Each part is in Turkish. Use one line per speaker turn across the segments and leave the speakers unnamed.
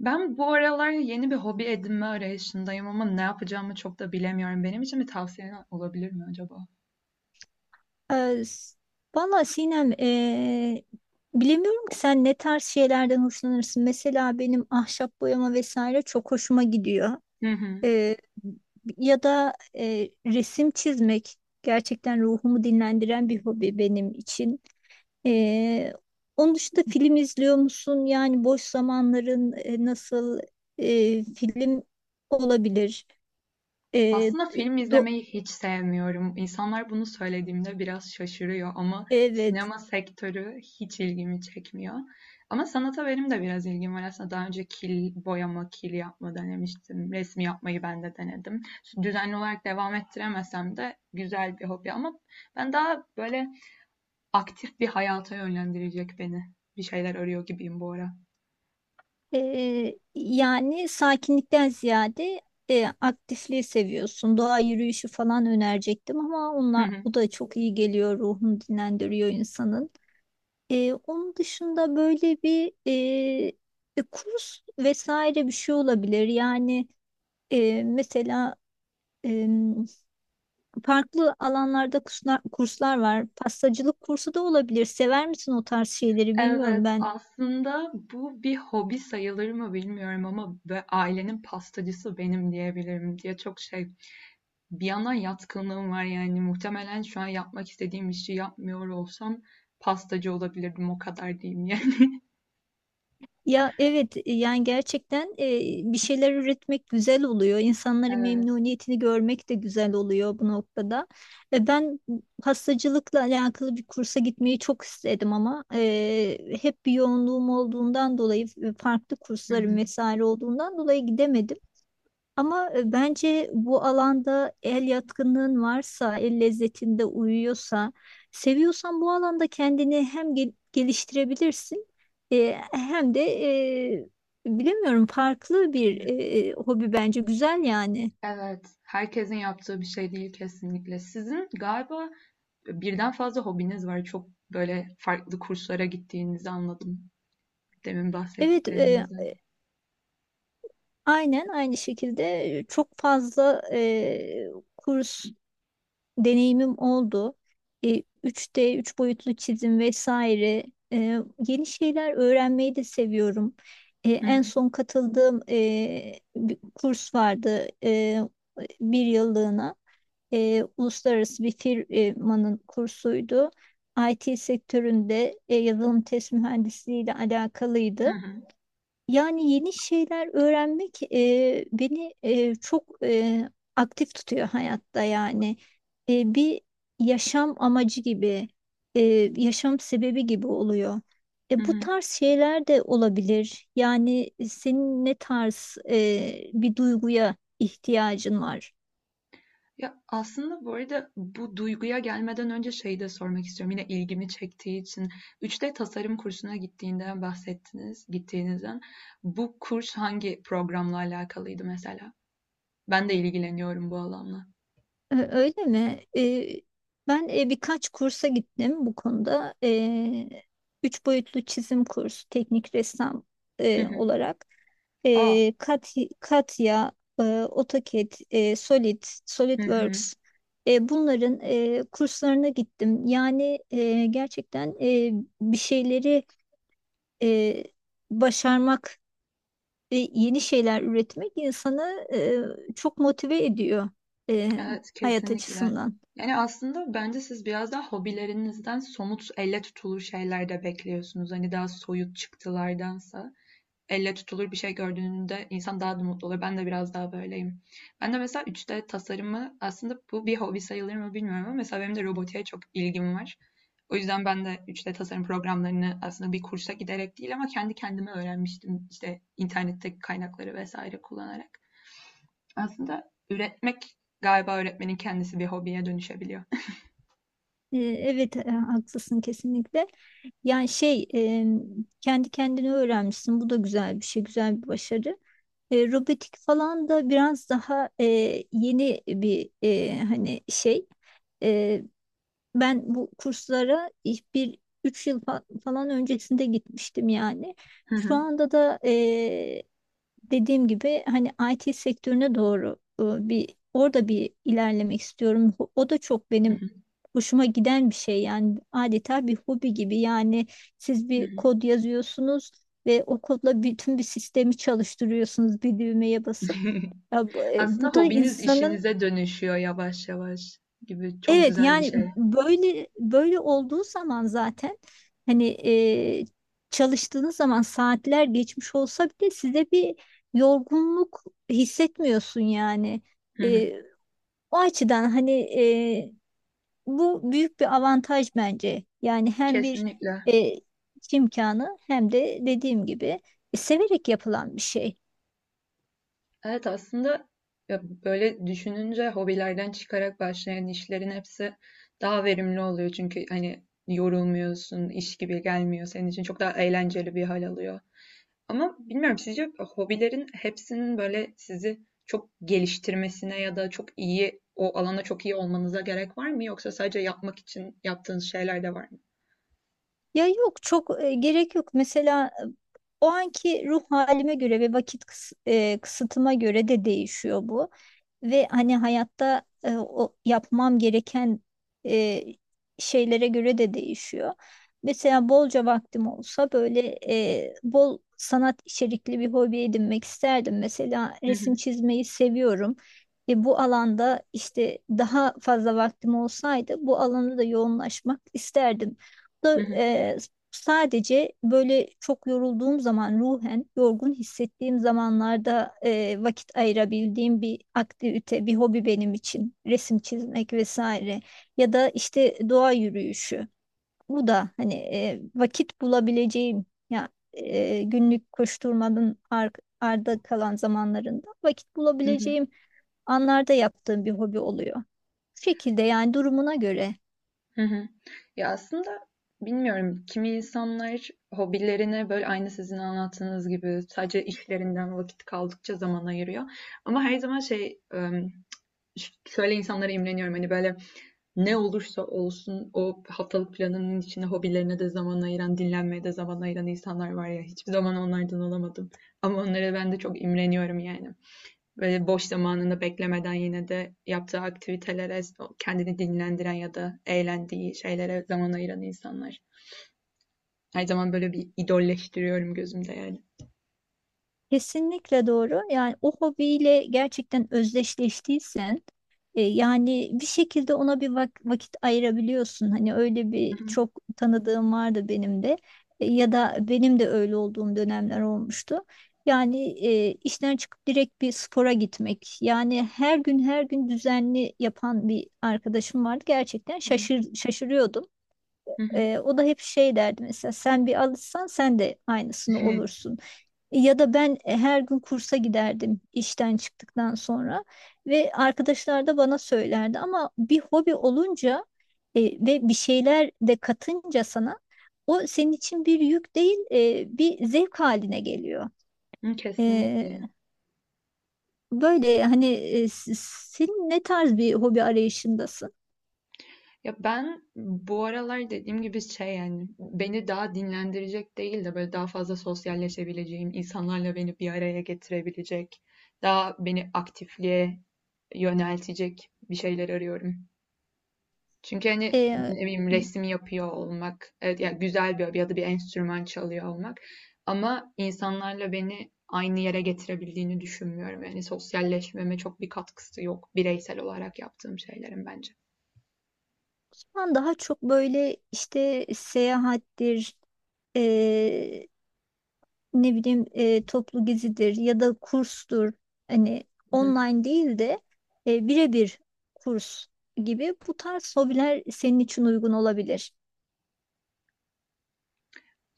Ben bu aralar yeni bir hobi edinme arayışındayım ama ne yapacağımı çok da bilemiyorum. Benim için bir tavsiyen olabilir mi acaba?
Ee, s- Valla Sinem, bilemiyorum ki sen ne tarz şeylerden hoşlanırsın. Mesela benim ahşap boyama vesaire çok hoşuma gidiyor.
Hı hı.
Ee, ya da resim çizmek gerçekten ruhumu dinlendiren bir hobi benim için. Ee, onun dışında film izliyor musun? Yani boş zamanların nasıl film olabilir? Ee,
Aslında film
do-
izlemeyi hiç sevmiyorum. İnsanlar bunu söylediğimde biraz şaşırıyor ama
evet.
sinema sektörü hiç ilgimi çekmiyor. Ama sanata benim de biraz ilgim var. Aslında daha önce kil boyama, kil yapma denemiştim. Resim yapmayı ben de denedim. Düzenli olarak devam ettiremesem de güzel bir hobi ama ben daha böyle aktif bir hayata yönlendirecek beni. Bir şeyler arıyor gibiyim bu ara.
Yani sakinlikten ziyade aktifliği seviyorsun. Doğa yürüyüşü falan önerecektim ama onlar, bu da çok iyi geliyor. Ruhunu dinlendiriyor insanın. Onun dışında böyle bir kurs vesaire bir şey olabilir. Yani mesela e, farklı alanlarda kurslar var. Pastacılık kursu da olabilir. Sever misin o tarz şeyleri
Evet,
bilmiyorum. Ben
aslında bu bir hobi sayılır mı bilmiyorum ama ailenin pastacısı benim diyebilirim diye çok şey. Bir yana yatkınlığım var yani muhtemelen şu an yapmak istediğim işi yapmıyor olsam pastacı olabilirdim o kadar diyeyim yani.
ya evet, yani gerçekten bir şeyler üretmek güzel oluyor. İnsanların
Evet.
memnuniyetini görmek de güzel oluyor bu noktada. Ben pastacılıkla alakalı bir kursa gitmeyi çok istedim ama hep bir yoğunluğum olduğundan dolayı farklı
Hı
kurslarım
hı.
vesaire olduğundan dolayı gidemedim. Ama bence bu alanda el yatkınlığın varsa, el lezzetinde uyuyorsa, seviyorsan bu alanda kendini hem geliştirebilirsin, hem de e, bilemiyorum, farklı bir hobi bence güzel yani.
Evet, herkesin yaptığı bir şey değil kesinlikle. Sizin galiba birden fazla hobiniz var. Çok böyle farklı kurslara gittiğinizi anladım. Demin
Evet,
bahsettiklerinizden.
aynen aynı şekilde çok fazla kurs deneyimim oldu. E, üç d 3 boyutlu çizim vesaire. E, yeni şeyler öğrenmeyi de seviyorum.
Hı
En
hı.
son katıldığım bir kurs vardı, bir yıllığına. Uluslararası bir firmanın kursuydu. IT sektöründe yazılım test mühendisliği ile
Hı
alakalıydı.
hı.
Yani yeni şeyler öğrenmek beni çok aktif tutuyor hayatta yani. Bir yaşam amacı gibi, e, yaşam sebebi gibi oluyor.
Hı
Bu
hı.
tarz şeyler de olabilir. Yani senin ne tarz bir duyguya ihtiyacın var?
Ya, aslında bu arada bu duyguya gelmeden önce şeyi de sormak istiyorum. Yine ilgimi çektiği için 3D tasarım kursuna gittiğinden bahsettiniz, gittiğinizden. Bu kurs hangi programla alakalıydı mesela? Ben de ilgileniyorum bu alanla.
Öyle mi? Ben birkaç kursa gittim bu konuda. Üç boyutlu çizim kursu, teknik ressam
Hı hı.
olarak.
A!
Ee, Kat Katya, AutoCAD,
Hı hı.
SolidWorks. Bunların kurslarına gittim. Yani gerçekten bir şeyleri e, başarmak ve yeni şeyler üretmek insanı çok motive ediyor e,
Evet,
hayat
kesinlikle.
açısından.
Yani, aslında bence siz biraz daha hobilerinizden somut, elle tutulur şeyler de bekliyorsunuz. Hani, daha soyut çıktılardansa elle tutulur bir şey gördüğünde insan daha da mutlu olur. Ben de biraz daha böyleyim. Ben de mesela 3D tasarımı aslında bu bir hobi sayılır mı bilmiyorum ama mesela benim de robotiğe çok ilgim var. O yüzden ben de 3D tasarım programlarını aslında bir kursa giderek değil ama kendi kendime öğrenmiştim işte internetteki kaynakları vesaire kullanarak. Aslında üretmek galiba öğretmenin kendisi bir hobiye dönüşebiliyor.
Evet, haklısın kesinlikle. Yani şey, kendi kendini öğrenmişsin. Bu da güzel bir şey, güzel bir başarı. Robotik falan da biraz daha yeni bir, hani şey. E, ben bu kurslara ilk bir üç yıl falan öncesinde gitmiştim yani. Şu anda da, dediğim gibi, hani IT sektörüne doğru e, bir orada bir ilerlemek istiyorum. O da çok benim hoşuma giden bir şey yani, adeta bir hobi gibi. Yani siz bir kod yazıyorsunuz ve o kodla bütün bir sistemi çalıştırıyorsunuz bir düğmeye basıp. Ya bu,
Aslında
bu da
hobiniz
insanın...
işinize dönüşüyor yavaş yavaş gibi çok
Evet,
güzel bir
yani
şey.
böyle olduğu zaman zaten hani, e, çalıştığınız zaman saatler geçmiş olsa bile size bir yorgunluk hissetmiyorsun yani. E, o açıdan hani, bu büyük bir avantaj bence. Yani hem bir
Kesinlikle.
e, iş imkanı, hem de dediğim gibi severek yapılan bir şey.
Evet aslında ya böyle düşününce hobilerden çıkarak başlayan işlerin hepsi daha verimli oluyor. Çünkü hani yorulmuyorsun, iş gibi gelmiyor senin için. Çok daha eğlenceli bir hal alıyor. Ama bilmiyorum sizce hobilerin hepsinin böyle sizi çok geliştirmesine ya da çok iyi o alana çok iyi olmanıza gerek var mı? Yoksa sadece yapmak için yaptığınız şeyler de var mı?
Ya yok, çok gerek yok. Mesela o anki ruh halime göre ve vakit kısıtıma göre de değişiyor bu. Ve hani hayatta, o yapmam gereken e, şeylere göre de değişiyor. Mesela bolca vaktim olsa böyle, bol sanat içerikli bir hobi edinmek isterdim. Mesela
Hı hı,
resim çizmeyi seviyorum. Bu alanda işte daha fazla vaktim olsaydı bu alanda da yoğunlaşmak isterdim
hı
da,
hı,
sadece böyle çok yorulduğum zaman, ruhen yorgun hissettiğim zamanlarda vakit ayırabildiğim bir aktivite, bir hobi benim için resim çizmek vesaire, ya da işte doğa yürüyüşü. Bu da hani, vakit bulabileceğim ya, günlük koşturmanın arda kalan zamanlarında vakit
hı hı,
bulabileceğim anlarda yaptığım bir hobi oluyor. Bu şekilde yani, durumuna göre.
hı hı. Ya aslında bilmiyorum kimi insanlar hobilerine böyle aynı sizin anlattığınız gibi sadece işlerinden vakit kaldıkça zaman ayırıyor. Ama her zaman şey şöyle insanlara imreniyorum hani böyle ne olursa olsun o haftalık planının içinde hobilerine de zaman ayıran, dinlenmeye de zaman ayıran insanlar var ya. Hiçbir zaman onlardan olamadım. Ama onlara ben de çok imreniyorum yani. Böyle boş zamanını beklemeden yine de yaptığı aktivitelere, kendini dinlendiren ya da eğlendiği şeylere zaman ayıran insanlar. Her zaman böyle bir idolleştiriyorum gözümde yani.
Kesinlikle doğru. Yani o hobiyle gerçekten özdeşleştiysen, yani bir şekilde ona bir vakit ayırabiliyorsun. Hani öyle bir çok tanıdığım vardı benim de. Ya da benim de öyle olduğum dönemler olmuştu. Yani işten çıkıp direkt bir spora gitmek. Yani her gün her gün düzenli yapan bir arkadaşım vardı. Gerçekten şaşırıyordum.
Hı hı, hı.
O da hep şey derdi mesela, sen bir alışsan sen de aynısını olursun. Ya da ben her gün kursa giderdim işten çıktıktan sonra ve arkadaşlar da bana söylerdi, ama bir hobi olunca ve bir şeyler de katınca sana, o senin için bir yük değil, bir zevk haline geliyor.
Kesinlikle.
Böyle hani, senin ne tarz bir hobi arayışındasın?
Ya ben bu aralar dediğim gibi şey yani beni daha dinlendirecek değil de böyle daha fazla sosyalleşebileceğim, insanlarla beni bir araya getirebilecek, daha beni aktifliğe yöneltecek bir şeyler arıyorum. Çünkü hani
Ee,
ne bileyim resim yapıyor olmak, evet ya güzel bir hobi ya da bir enstrüman çalıyor olmak ama insanlarla beni aynı yere getirebildiğini düşünmüyorum. Yani sosyalleşmeme çok bir katkısı yok bireysel olarak yaptığım şeylerin bence.
Ben daha çok böyle işte seyahattir, eee, ne bileyim, toplu gezidir ya da kurstur. Hani online değil de, birebir kurs gibi bu tarz hobiler senin için uygun olabilir.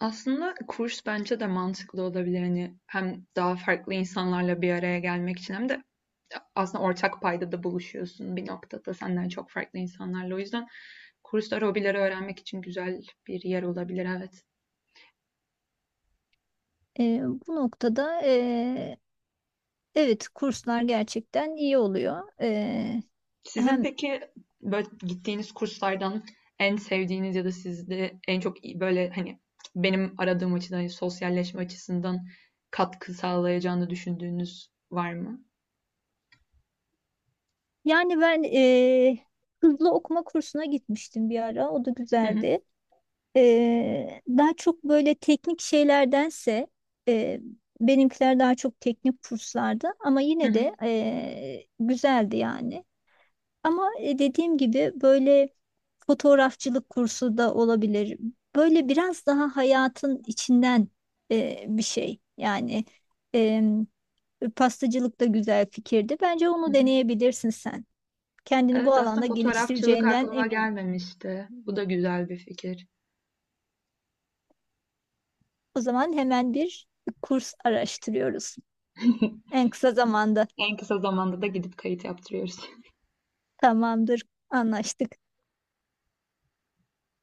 Aslında kurs bence de mantıklı olabilir. Hani hem daha farklı insanlarla bir araya gelmek için hem de aslında ortak payda da buluşuyorsun bir noktada senden çok farklı insanlarla. O yüzden kurslar hobileri öğrenmek için güzel bir yer olabilir, evet.
Eee, bu noktada, evet, kurslar gerçekten iyi oluyor.
Sizin
Hem
peki böyle gittiğiniz kurslardan en sevdiğiniz ya da sizde en çok iyi- böyle hani benim aradığım açıdan hani sosyalleşme açısından katkı sağlayacağını düşündüğünüz var mı?
yani ben, hızlı okuma kursuna gitmiştim bir ara, o da
Hı hı.
güzeldi. Daha çok böyle teknik şeylerdense, e, benimkiler daha çok teknik kurslardı, ama
Hı
yine
hı.
de güzeldi yani. Ama dediğim gibi böyle, fotoğrafçılık kursu da olabilir. Böyle biraz daha hayatın içinden bir şey. Yani e, pastacılık da güzel fikirdi. Bence onu deneyebilirsin sen. Kendini bu
Evet aslında
alanda
fotoğrafçılık
geliştireceğinden
aklıma
eminim.
gelmemişti. Bu da güzel bir fikir.
O zaman hemen bir kurs araştırıyoruz. En kısa zamanda.
En kısa zamanda da gidip kayıt yaptırıyoruz.
Tamamdır. Anlaştık.